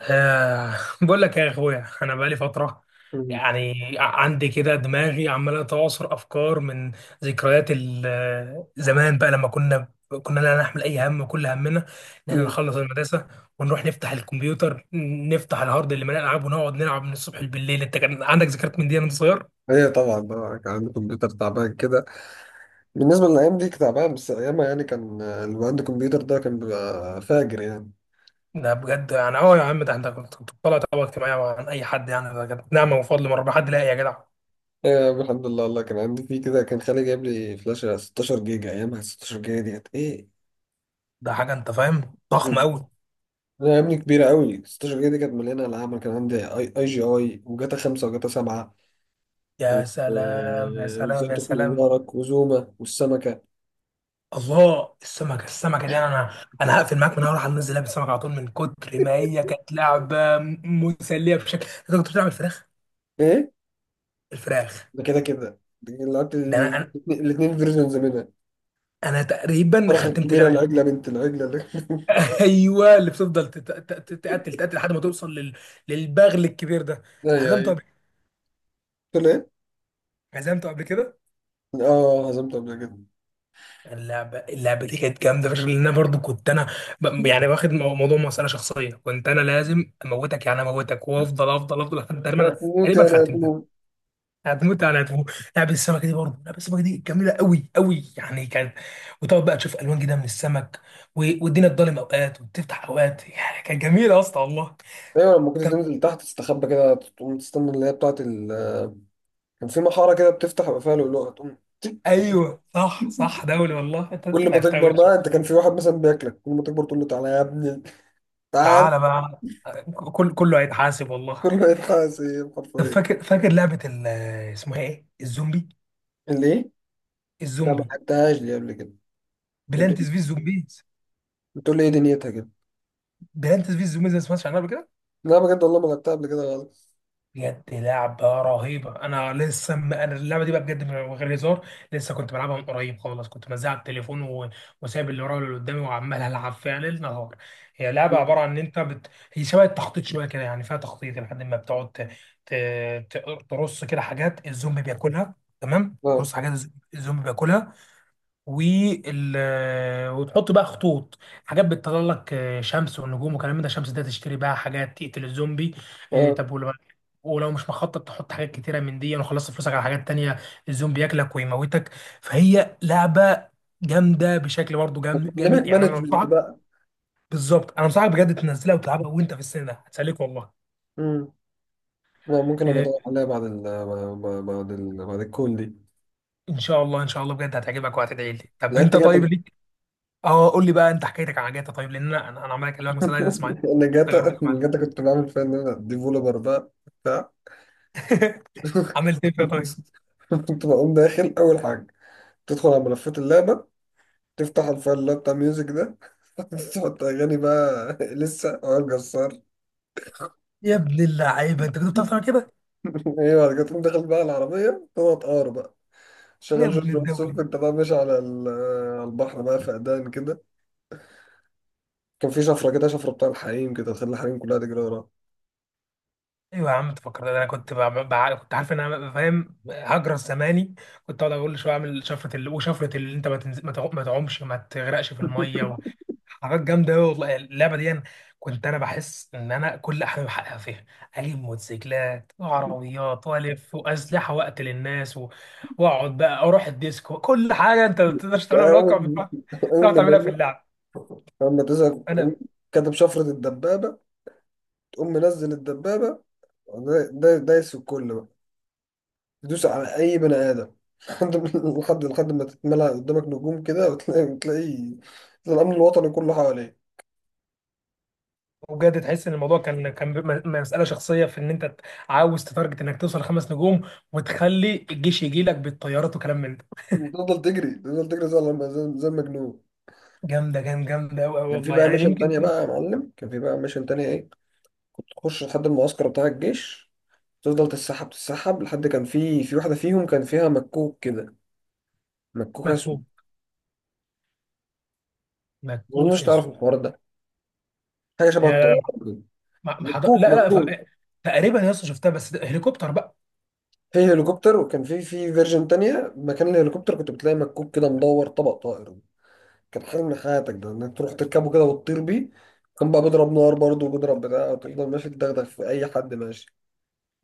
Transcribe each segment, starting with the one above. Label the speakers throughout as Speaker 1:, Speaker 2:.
Speaker 1: آه، بقول لك يا اخويا انا بقالي فتره
Speaker 2: مم.
Speaker 1: يعني عندي كده دماغي عماله تعصر افكار من ذكريات زمان بقى لما كنا لا نحمل اي هم، كل همنا ان احنا
Speaker 2: مم.
Speaker 1: نخلص المدرسه ونروح نفتح الكمبيوتر نفتح الهارد اللي مليان العاب ونقعد نلعب من الصبح بالليل. انت كان عندك ذكريات من دي وانت صغير؟
Speaker 2: هي طبعا بقى كان عندي كمبيوتر تعبان كده، بالنسبة للأيام دي كان تعبان، بس أيامها يعني كان اللي عنده كمبيوتر ده كان بيبقى فاجر يعني.
Speaker 1: ده بجد يعني اه يا عم، ده انت كنت طالع طبقه اجتماعيه عن اي حد يعني. ده كانت نعمه وفضل من ربنا، حد لاقي يا جدع؟
Speaker 2: آه، الحمد لله والله، كان عندي فيه كده، كان خالي جايب لي فلاشة 16 جيجا، أيامها 16 جيجا دي كانت إيه؟
Speaker 1: ده حاجه انت فاهم ضخمه
Speaker 2: مم.
Speaker 1: قوي.
Speaker 2: أنا يا ابني كبيرة قوي، 16 جيجا دي كانت مليانة ألعاب. أنا كان عندي أي جي أي، وجاتا 5، وجاتا 7، و-
Speaker 1: يا سلام يا
Speaker 2: وإزاي
Speaker 1: سلام يا
Speaker 2: تخنق
Speaker 1: سلام.
Speaker 2: جارك، وزوما، والسمكة.
Speaker 1: الله، السمكه، السمكه دي انا هقفل معاك، من اول هنزل لعبه السمكه على طول، من كتر ما هي كانت لعبه مسليه بشكل. انت كنت بتلعب الفراخ؟
Speaker 2: إيه
Speaker 1: الفراخ،
Speaker 2: ده، كده دي لعبت
Speaker 1: ده انا انا
Speaker 2: الاتنين فيرجنز منها.
Speaker 1: أنا تقريبا
Speaker 2: الفرخة
Speaker 1: ختمت
Speaker 2: الكبيرة،
Speaker 1: اللعبه دي.
Speaker 2: العجلة بنت العجلة اللي
Speaker 1: ايوه، اللي بتفضل تقتل تقتل لحد ما توصل لل... للبغل الكبير ده.
Speaker 2: ايوه،
Speaker 1: هزمته
Speaker 2: ايوه.
Speaker 1: قبل
Speaker 2: قلت له ايه؟
Speaker 1: هزمته قبل كده.
Speaker 2: اه، هزمت قبل كده.
Speaker 1: اللعبه دي كانت جامده فشخ، لان انا برضو كنت انا يعني واخد موضوع مساله شخصيه. كنت انا لازم اموتك، يعني اموتك وافضل افضل افضل لحد
Speaker 2: انت
Speaker 1: تقريبا
Speaker 2: هتموت يعني
Speaker 1: ختمتها.
Speaker 2: هتموت.
Speaker 1: هتموت. لعبة السمكة دي برضه، لعبة السمكة دي جميلة قوي قوي يعني، كانت وتقعد بقى تشوف ألوان جديدة من السمك والدنيا تضلم أوقات وتفتح أوقات، يعني كانت جميلة يا اسطى والله.
Speaker 2: ايوه، لما كنت
Speaker 1: طب،
Speaker 2: تنزل تحت تستخبى كده، تقوم تستنى اللي هي بتاعت ال... كان في محارة كده بتفتح يبقى فيها لؤلؤة، تقوم تك خطفها.
Speaker 1: أيوه صح صح، دولي والله، أنت
Speaker 2: كل
Speaker 1: أنت
Speaker 2: ما
Speaker 1: لعبتها
Speaker 2: تكبر
Speaker 1: وش.
Speaker 2: بقى انت كان في واحد مثلا بياكلك، كل ما تكبر تقول له تعالى يا ابني، تعال.
Speaker 1: تعالى بقى، كل كله هيتحاسب والله.
Speaker 2: كل ما يتحاسب
Speaker 1: طب
Speaker 2: حرفيا.
Speaker 1: فاكر لعبة اسمها إيه؟ الزومبي.
Speaker 2: اللي ايه؟ لا، ما
Speaker 1: الزومبي،
Speaker 2: لعبتهاش دي قبل كده. بتقول
Speaker 1: بلانتس في الزومبيز.
Speaker 2: بتقول لي ايه دنيتها كده؟
Speaker 1: ما سمعتش عنها قبل كده؟
Speaker 2: لا، بجد والله ما لعبتها قبل كده خالص.
Speaker 1: بجد لعبة رهيبة. أنا لسه أنا اللعبة دي بقى بجد من غير هزار، لسه كنت بلعبها من قريب خالص، كنت منزلها على التليفون وسايب اللي ورايا واللي قدامي، وعمال ألعب فيها ليل نهار. هي لعبة
Speaker 2: مم.
Speaker 1: عبارة عن إن أنت هي شبه التخطيط شوية كده، يعني فيها تخطيط، لحد ما بتقعد ت... ت- ترص كده حاجات الزومبي بياكلها. تمام،
Speaker 2: اه،
Speaker 1: ترص حاجات الزومبي بياكلها. وال وتحط بقى خطوط، حاجات بتطلع لك، شمس والنجوم وكلام من ده. الشمس ده تشتري بقى حاجات تقتل الزومبي.
Speaker 2: اه.
Speaker 1: طب، ولو مش مخطط تحط حاجات كتيره من دي وخلصت فلوسك على حاجات تانية، الزومبي ياكلك ويموتك. فهي لعبه جامده بشكل، برضه
Speaker 2: بتعلمك
Speaker 1: جامد، يعني انا
Speaker 2: مانجمنت
Speaker 1: انصحك.
Speaker 2: بقى.
Speaker 1: بالظبط، انا انصحك بجد تنزلها وتلعبها، وانت في السن ده هتسليك والله.
Speaker 2: مم. لا، ممكن ابقى
Speaker 1: آه،
Speaker 2: ادور عليها بعد الكول دي.
Speaker 1: ان شاء الله ان شاء الله، بجد هتعجبك وهتدعي لي. طب
Speaker 2: لعبت
Speaker 1: انت
Speaker 2: جاتا
Speaker 1: طيب ليك. اه، قول لي بقى انت حكايتك عن جاتا طيب، لان انا عمال اكلمك مثلا، عايز اسمع
Speaker 2: انا جاتا
Speaker 1: تجربتك.
Speaker 2: جاتا كنت بعمل فيها ان انا ديفولبر بقى، بتاع.
Speaker 1: عملت ايه فيها طيب؟
Speaker 2: كنت بقوم داخل اول حاجه، تدخل على ملفات اللعبه، تفتح الفايل اللي هو بتاع ميوزك ده تحط اغاني بقى، لسه وائل جسار.
Speaker 1: يا ابن اللعيبه، انت كنت بتعرف تعمل كده؟
Speaker 2: ايه، بعد كده تقوم داخل بقى العربيه، تقعد تقار بقى،
Speaker 1: يا
Speaker 2: شغال
Speaker 1: ابن
Speaker 2: جورج
Speaker 1: الدوله.
Speaker 2: وسوف، انت بقى ماشي على على البحر بقى، فقدان كده. كان في شفره كده، شفره بتاع الحريم كده، تخلي الحريم كلها تجري وراها.
Speaker 1: ايوه يا عم، انت فكرت انا كنت كنت عارف ان انا فاهم، هجرس زماني. كنت اقعد اقول شويه، اعمل شفره وشفره اللي انت ما تعومش، ما تغرقش في الميه حاجات جامده قوي والله. اللعبه دي أنا كنت انا بحس ان انا كل احلامي بحققها فيها. اجيب موتوسيكلات وعربيات والف واسلحه واقتل الناس واقعد بقى اروح الديسكو، كل حاجه انت ما بتقدرش تعملها في الواقع،
Speaker 2: أول
Speaker 1: بتروح
Speaker 2: أول
Speaker 1: تعملها في
Speaker 2: ما
Speaker 1: اللعب.
Speaker 2: أول ما تزهق تقوم
Speaker 1: انا،
Speaker 2: كاتب شفرة الدبابة، تقوم منزل الدبابة، ودا- دا- دايس في الكل بقى، تدوس على أي بني آدم لحد لحد ما تتملى قدامك نجوم كده، وتلاقي الأمن الوطني كله حواليك.
Speaker 1: وبجد تحس ان الموضوع كان مساله شخصيه في ان انت عاوز تتارجت انك توصل خمس نجوم، وتخلي الجيش يجي لك بالطيارات وكلام من ده.
Speaker 2: وتفضل تجري، تفضل تجري زي زي المجنون.
Speaker 1: جامده جامده جامده قوي
Speaker 2: كان في
Speaker 1: والله،
Speaker 2: بقى
Speaker 1: يعني دي
Speaker 2: ميشن
Speaker 1: يمكن.
Speaker 2: تانية بقى يا معلم، كان في بقى ميشن تانية إيه، كنت تخش لحد المعسكر بتاع الجيش، تفضل تتسحب لحد كان في واحدة فيهم كان فيها مكوك كده، مكوك أسود.
Speaker 1: مكوك.
Speaker 2: ما أظنش
Speaker 1: مكوك يا
Speaker 2: تعرف
Speaker 1: سو.
Speaker 2: الحوار ده. حاجه
Speaker 1: لا
Speaker 2: شبه
Speaker 1: لا لا،
Speaker 2: الطياره كده.
Speaker 1: ما- ما حض-
Speaker 2: مكوك
Speaker 1: لا- لا،
Speaker 2: مكوك
Speaker 1: ف- تقريبا يا اسطى شفتها، بس ده هليكوبتر بقى.
Speaker 2: في هليكوبتر، وكان في فيرجن تانية، مكان الهليكوبتر كنت بتلاقي مكوك كده مدور، طبق طائر. كان حلم حياتك ده ان انت تروح تركبه كده وتطير بيه. كان بقى بيضرب نار برضه، وبيضرب بتاع، وتفضل ماشي تدغدغ في اي حد ماشي.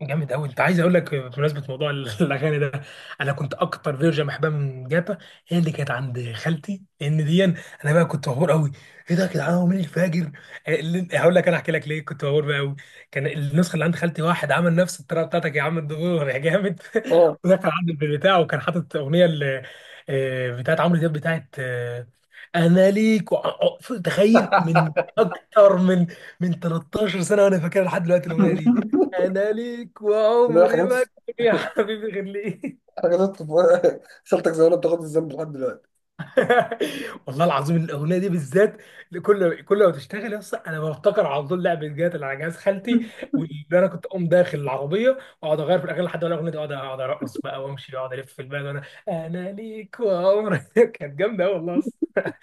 Speaker 1: جامد قوي. انت عايز اقول لك بمناسبه موضوع الاغاني ده، انا كنت اكتر فيرجن بحبها من جاتا هي اللي كانت عند خالتي، لان دي انا بقى كنت مبهور قوي. ايه ده يا جدعان، هو مين الفاجر؟ هقول لك انا، احكي لك ليه كنت مبهور بقى قوي. كان النسخه اللي عند خالتي، واحد عمل نفس الطريقه بتاعتك يا عم الدكتور، يا جامد.
Speaker 2: اه.
Speaker 1: ودخل عند البيت بتاعه، وكان حاطط اغنيه بتاعت عمرو دياب، بتاعت، انا ليك تخيل، من اكتر من من 13 سنه وانا فاكرها لحد دلوقتي الاغنيه. انا ليك
Speaker 2: ده
Speaker 1: وعمري
Speaker 2: حاجات،
Speaker 1: ما أكتب يا حبيبي غير ليك.
Speaker 2: حاجات خالتك زمان بتاخد الذنب لحد دلوقتي.
Speaker 1: والله العظيم الاغنيه دي بالذات، كل ما تشتغل يا اسطى، انا بفتكر على طول لعبه جات اللي على جهاز خالتي، واللي انا كنت اقوم داخل العربيه واقعد اغير في الاغاني لحد ما الاغنيه دي، اقعد ارقص بقى وامشي واقعد الف في البلد، وانا انا ليك وعمري كانت جامده قوي والله يا اسطى.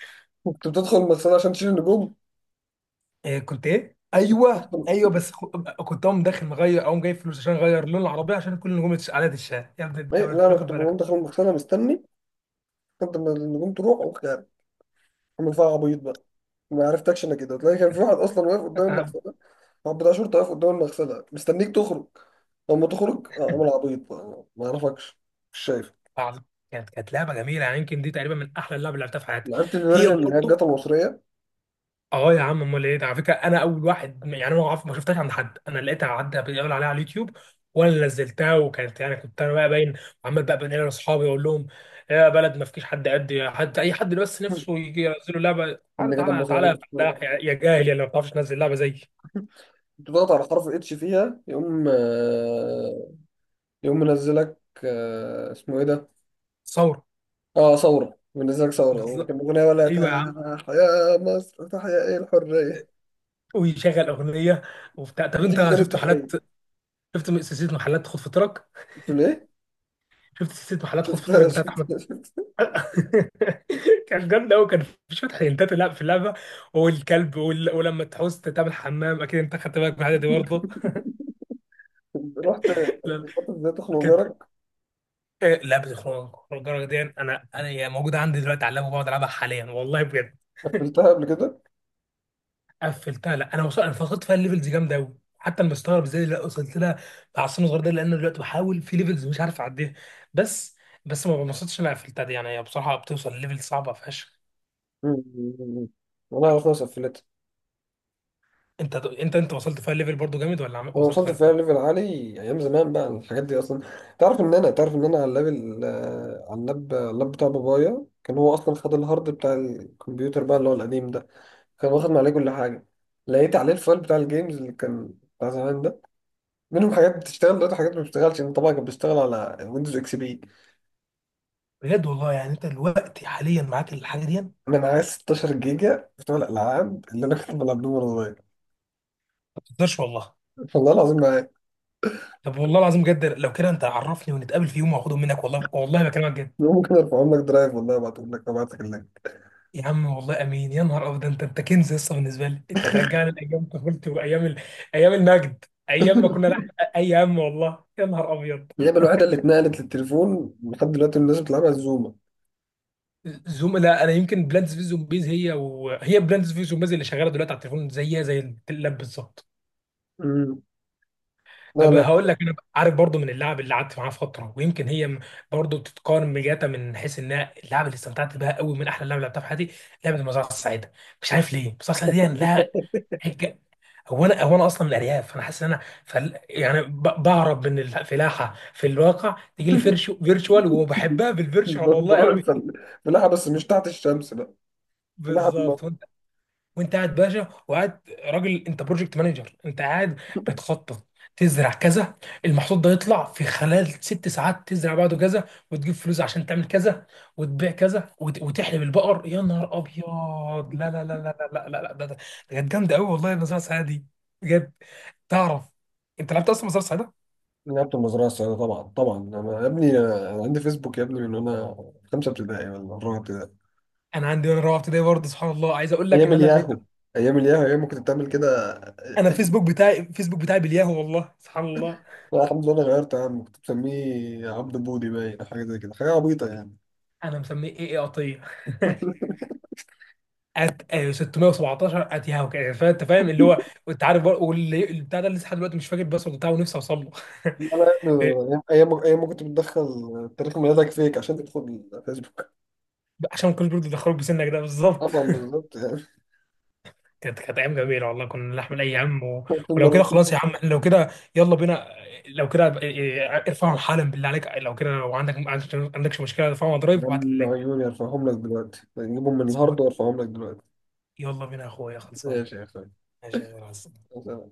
Speaker 2: كنت بتدخل المغسله عشان تشيل النجوم.
Speaker 1: إيه، كنت ايه؟ ايوه
Speaker 2: تدخل
Speaker 1: ايوه، بس كنت اقوم داخل مغير، اقوم جايب فلوس عشان اغير لون العربيه عشان كل نجوم على الشاه، يا ابن
Speaker 2: إيه؟
Speaker 1: الدوله انت
Speaker 2: لا، انا
Speaker 1: واخد
Speaker 2: كنت
Speaker 1: بالك؟
Speaker 2: بقوم داخل المغسله مستني، كنت لما النجوم تروح، عامل فيها عبيط بقى، ما عرفتكش. انك كده تلاقي كان في واحد اصلا واقف قدام المغسله، واحد بتاع شرطه واقف قدام المغسله مستنيك تخرج، لما تخرج اه عامل عبيط بقى، ما اعرفكش. مش شايف.
Speaker 1: عظيم. كانت لعبه جميله، يعني يمكن دي تقريبا من احلى اللعب اللي لعبتها في حياتي.
Speaker 2: لعبت
Speaker 1: هي،
Speaker 2: الفيرجن من
Speaker 1: وبرضه
Speaker 2: الجاتا المصريه،
Speaker 1: اه يا عم امال ايه ده. على فكره انا اول واحد، يعني انا ما شفتهاش عند حد، انا لقيتها، عدى بيقول عليها على اليوتيوب، وانا اللي نزلتها. وكانت يعني كنت انا بقى باين، عمال بقى بنقل لاصحابي، اقول لهم يا بلد ما فيش حد قد حد، اي حد بس نفسه يجي ينزلوا لعبه،
Speaker 2: من
Speaker 1: تعالى
Speaker 2: الجاتا
Speaker 1: تعالى
Speaker 2: المصريه اللي
Speaker 1: تعالى
Speaker 2: كنت
Speaker 1: لا، يا جاهل يا اللي ما بتعرفش تنزل لعبه زي
Speaker 2: كنت بضغط على حرف اتش فيها يقوم يقوم منزلك. اسمه ايه ده؟
Speaker 1: ثوره.
Speaker 2: اه، ثوره. منزلك ثوره،
Speaker 1: بالظبط،
Speaker 2: وكان اغنيه ولا؟
Speaker 1: ايوه يا عم.
Speaker 2: تحيا يا مصر، تحيا ايه الحريه.
Speaker 1: ويشغل اغنيه وبتاع. طب
Speaker 2: تديك
Speaker 1: انت
Speaker 2: ميدان التحرير.
Speaker 1: شفت سلسله محلات خد فطرك؟
Speaker 2: قلت له ايه؟
Speaker 1: شفت سلسله محلات خد فطارك
Speaker 2: شفت.
Speaker 1: بتاعت احمد؟
Speaker 2: شفت.
Speaker 1: كان جامد قوي، كان في شويه حيلتات لا في اللعبه، والكلب ولما تحوس تعمل حمام، اكيد انت خدت بالك من الحاجه دي برضه.
Speaker 2: رحت
Speaker 1: لا لا.
Speaker 2: فتحت ازاي تخنق
Speaker 1: كانت
Speaker 2: جارك.
Speaker 1: لعبه الخروج الجرة دي، انا هي موجوده عندي دلوقتي على اللاب، وبقعد العبها حاليا والله بجد.
Speaker 2: قفلتها قبل كده.
Speaker 1: قفلتها، لا انا وصلت، انا فقدت فيها الليفلز. جامده قوي، حتى انا مستغرب ازاي لا وصلت لها مع السن الصغير ده، لان أنا دلوقتي بحاول في ليفلز مش عارف اعديها. بس ما بنبسطش إن انا قفلتها دي، يعني هي بصراحه بتوصل ليفل صعبه فشخ.
Speaker 2: مم. والله خلاص قفلتها.
Speaker 1: انت انت وصلت فيها ليفل برضو جامد، ولا
Speaker 2: انا
Speaker 1: وصلت
Speaker 2: وصلت
Speaker 1: فيها
Speaker 2: فيها
Speaker 1: لفين؟
Speaker 2: ليفل عالي، ايام زمان بقى الحاجات دي اصلا. تعرف ان انا، على الليفل، على اللاب، بتاع بابايا، كان هو اصلا خد الهارد بتاع الكمبيوتر بقى اللي هو القديم ده، كان واخد عليه كل حاجه. لقيت عليه الفايل بتاع الجيمز اللي كان بتاع زمان ده، منهم حاجات بتشتغل دلوقتي، حاجات ما بتشتغلش. انا طبعا كان بيشتغل على ويندوز اكس بي.
Speaker 1: بجد والله، يعني انت دلوقتي حاليا معاك الحاجه دي ما
Speaker 2: انا معايا 16 جيجا بتوع الالعاب اللي انا كنت بلعبهم وانا صغير،
Speaker 1: تقدرش والله؟
Speaker 2: والله العظيم.
Speaker 1: طب والله العظيم بجد لو كده، انت عرفني ونتقابل في يوم واخدهم منك، والله والله بكلمك جد.
Speaker 2: ممكن ارفعهم لك درايف، والله ابعتهم لك، ابعت لك اللينك.
Speaker 1: يا عم والله امين، يا نهار ابيض ده، انت كنز لسه بالنسبه لي، انت هترجعني لايام طفولتي وايام ايام المجد، ايام ما كنا نحقق اي هم، والله يا نهار ابيض.
Speaker 2: اللعبه الوحيده اللي اتنقلت للتليفون لحد دلوقتي الناس بتلعبها الزومه.
Speaker 1: زوم، لا انا يمكن بلانتس في زومبيز، هي، وهي بلانتس في زومبيز اللي شغاله دلوقتي على التليفون زيها زي اللاب بالظبط.
Speaker 2: مم. لا،
Speaker 1: طب
Speaker 2: لا.
Speaker 1: هقول لك انا عارف برضو من اللاعب اللي قعدت معاه فتره، ويمكن هي برضو بتتقارن بجاتا من حيث انها اللاعب اللي استمتعت بها قوي، من احلى لعبه لعبتها في حياتي، لعبه المزرعه السعيده. مش عارف ليه المزرعه السعيده دي يعني لها حاجه. هو انا اصلا من الارياف، فانا حاسس ان انا يعني بهرب من الفلاحه في الواقع، تيجي لي فيرتشوال، وبحبها بالفيرتشوال والله
Speaker 2: بروح
Speaker 1: قوي.
Speaker 2: الفل، بلعب بس مش تحت الشمس بقى. بلعب
Speaker 1: بالظبط. وانت قاعد باشا وقاعد راجل، انت بروجكت مانجر، انت قاعد بتخطط تزرع كذا، المحصول ده يطلع في خلال ست ساعات، تزرع بعده كذا وتجيب فلوس عشان تعمل كذا وتبيع كذا وتحلب البقر، يا نهار ابيض، لا لا لا لا لا لا لا لا، ده ده ده كانت جامده قوي والله النظاره السعيده دي. بجد تعرف، انت لعبت اصلا نظاره سعيده؟
Speaker 2: لعبت المزرعه السعيده طبعا، طبعا. أنا يا ابني أنا عندي فيسبوك يا ابني من وانا في خمسه ابتدائي ولا رابعه ابتدائي.
Speaker 1: انا عندي وانا رابعه ابتدائي برضه، سبحان الله، عايز اقول لك
Speaker 2: ايام
Speaker 1: ان انا النت.
Speaker 2: الياهو، ايام ما كنت بتعمل كده.
Speaker 1: انا الفيسبوك بتاعي، بالياهو والله، سبحان الله.
Speaker 2: الحمد لله، انا غيرت يا عم، كنت بسميه عبد بودي باين أو حاجه زي كده، حاجه عبيطه يعني.
Speaker 1: انا مسميه ايه، قطيه ات 617 اتيهاو كده، فانت فاهم اللي هو، انت عارف بقى، واللي البتاع ده لسه لحد دلوقتي مش فاكر الباسورد بتاعه، ونفسي اوصل له.
Speaker 2: لا،
Speaker 1: إيه،
Speaker 2: لا، ايام ما كنت بتدخل تاريخ ميلادك فيك عشان تدخل فيسبوك.
Speaker 1: عشان كل برضه دخلوك بسنك ده بالظبط.
Speaker 2: طبعا، بالظبط يعني.
Speaker 1: كانت ايام جميله والله، كنا نحمل اي هم ولو كده
Speaker 2: المرة-
Speaker 1: خلاص يا عم، إحنا لو كده يلا بينا. لو كده إيه، ارفعهم حالا بالله عليك، لو كده، لو عندك ما عندكش مشكله ارفعهم على درايف وابعت لي
Speaker 2: دم
Speaker 1: اللينك.
Speaker 2: عيوني، ارفعهم لك دلوقتي، نجيبهم من الهارد
Speaker 1: خلصان.
Speaker 2: وارفعهم لك دلوقتي.
Speaker 1: يلا بينا يا اخويا، خلصان.
Speaker 2: ماشي يا
Speaker 1: ماشي يا جماعة.
Speaker 2: اخوي.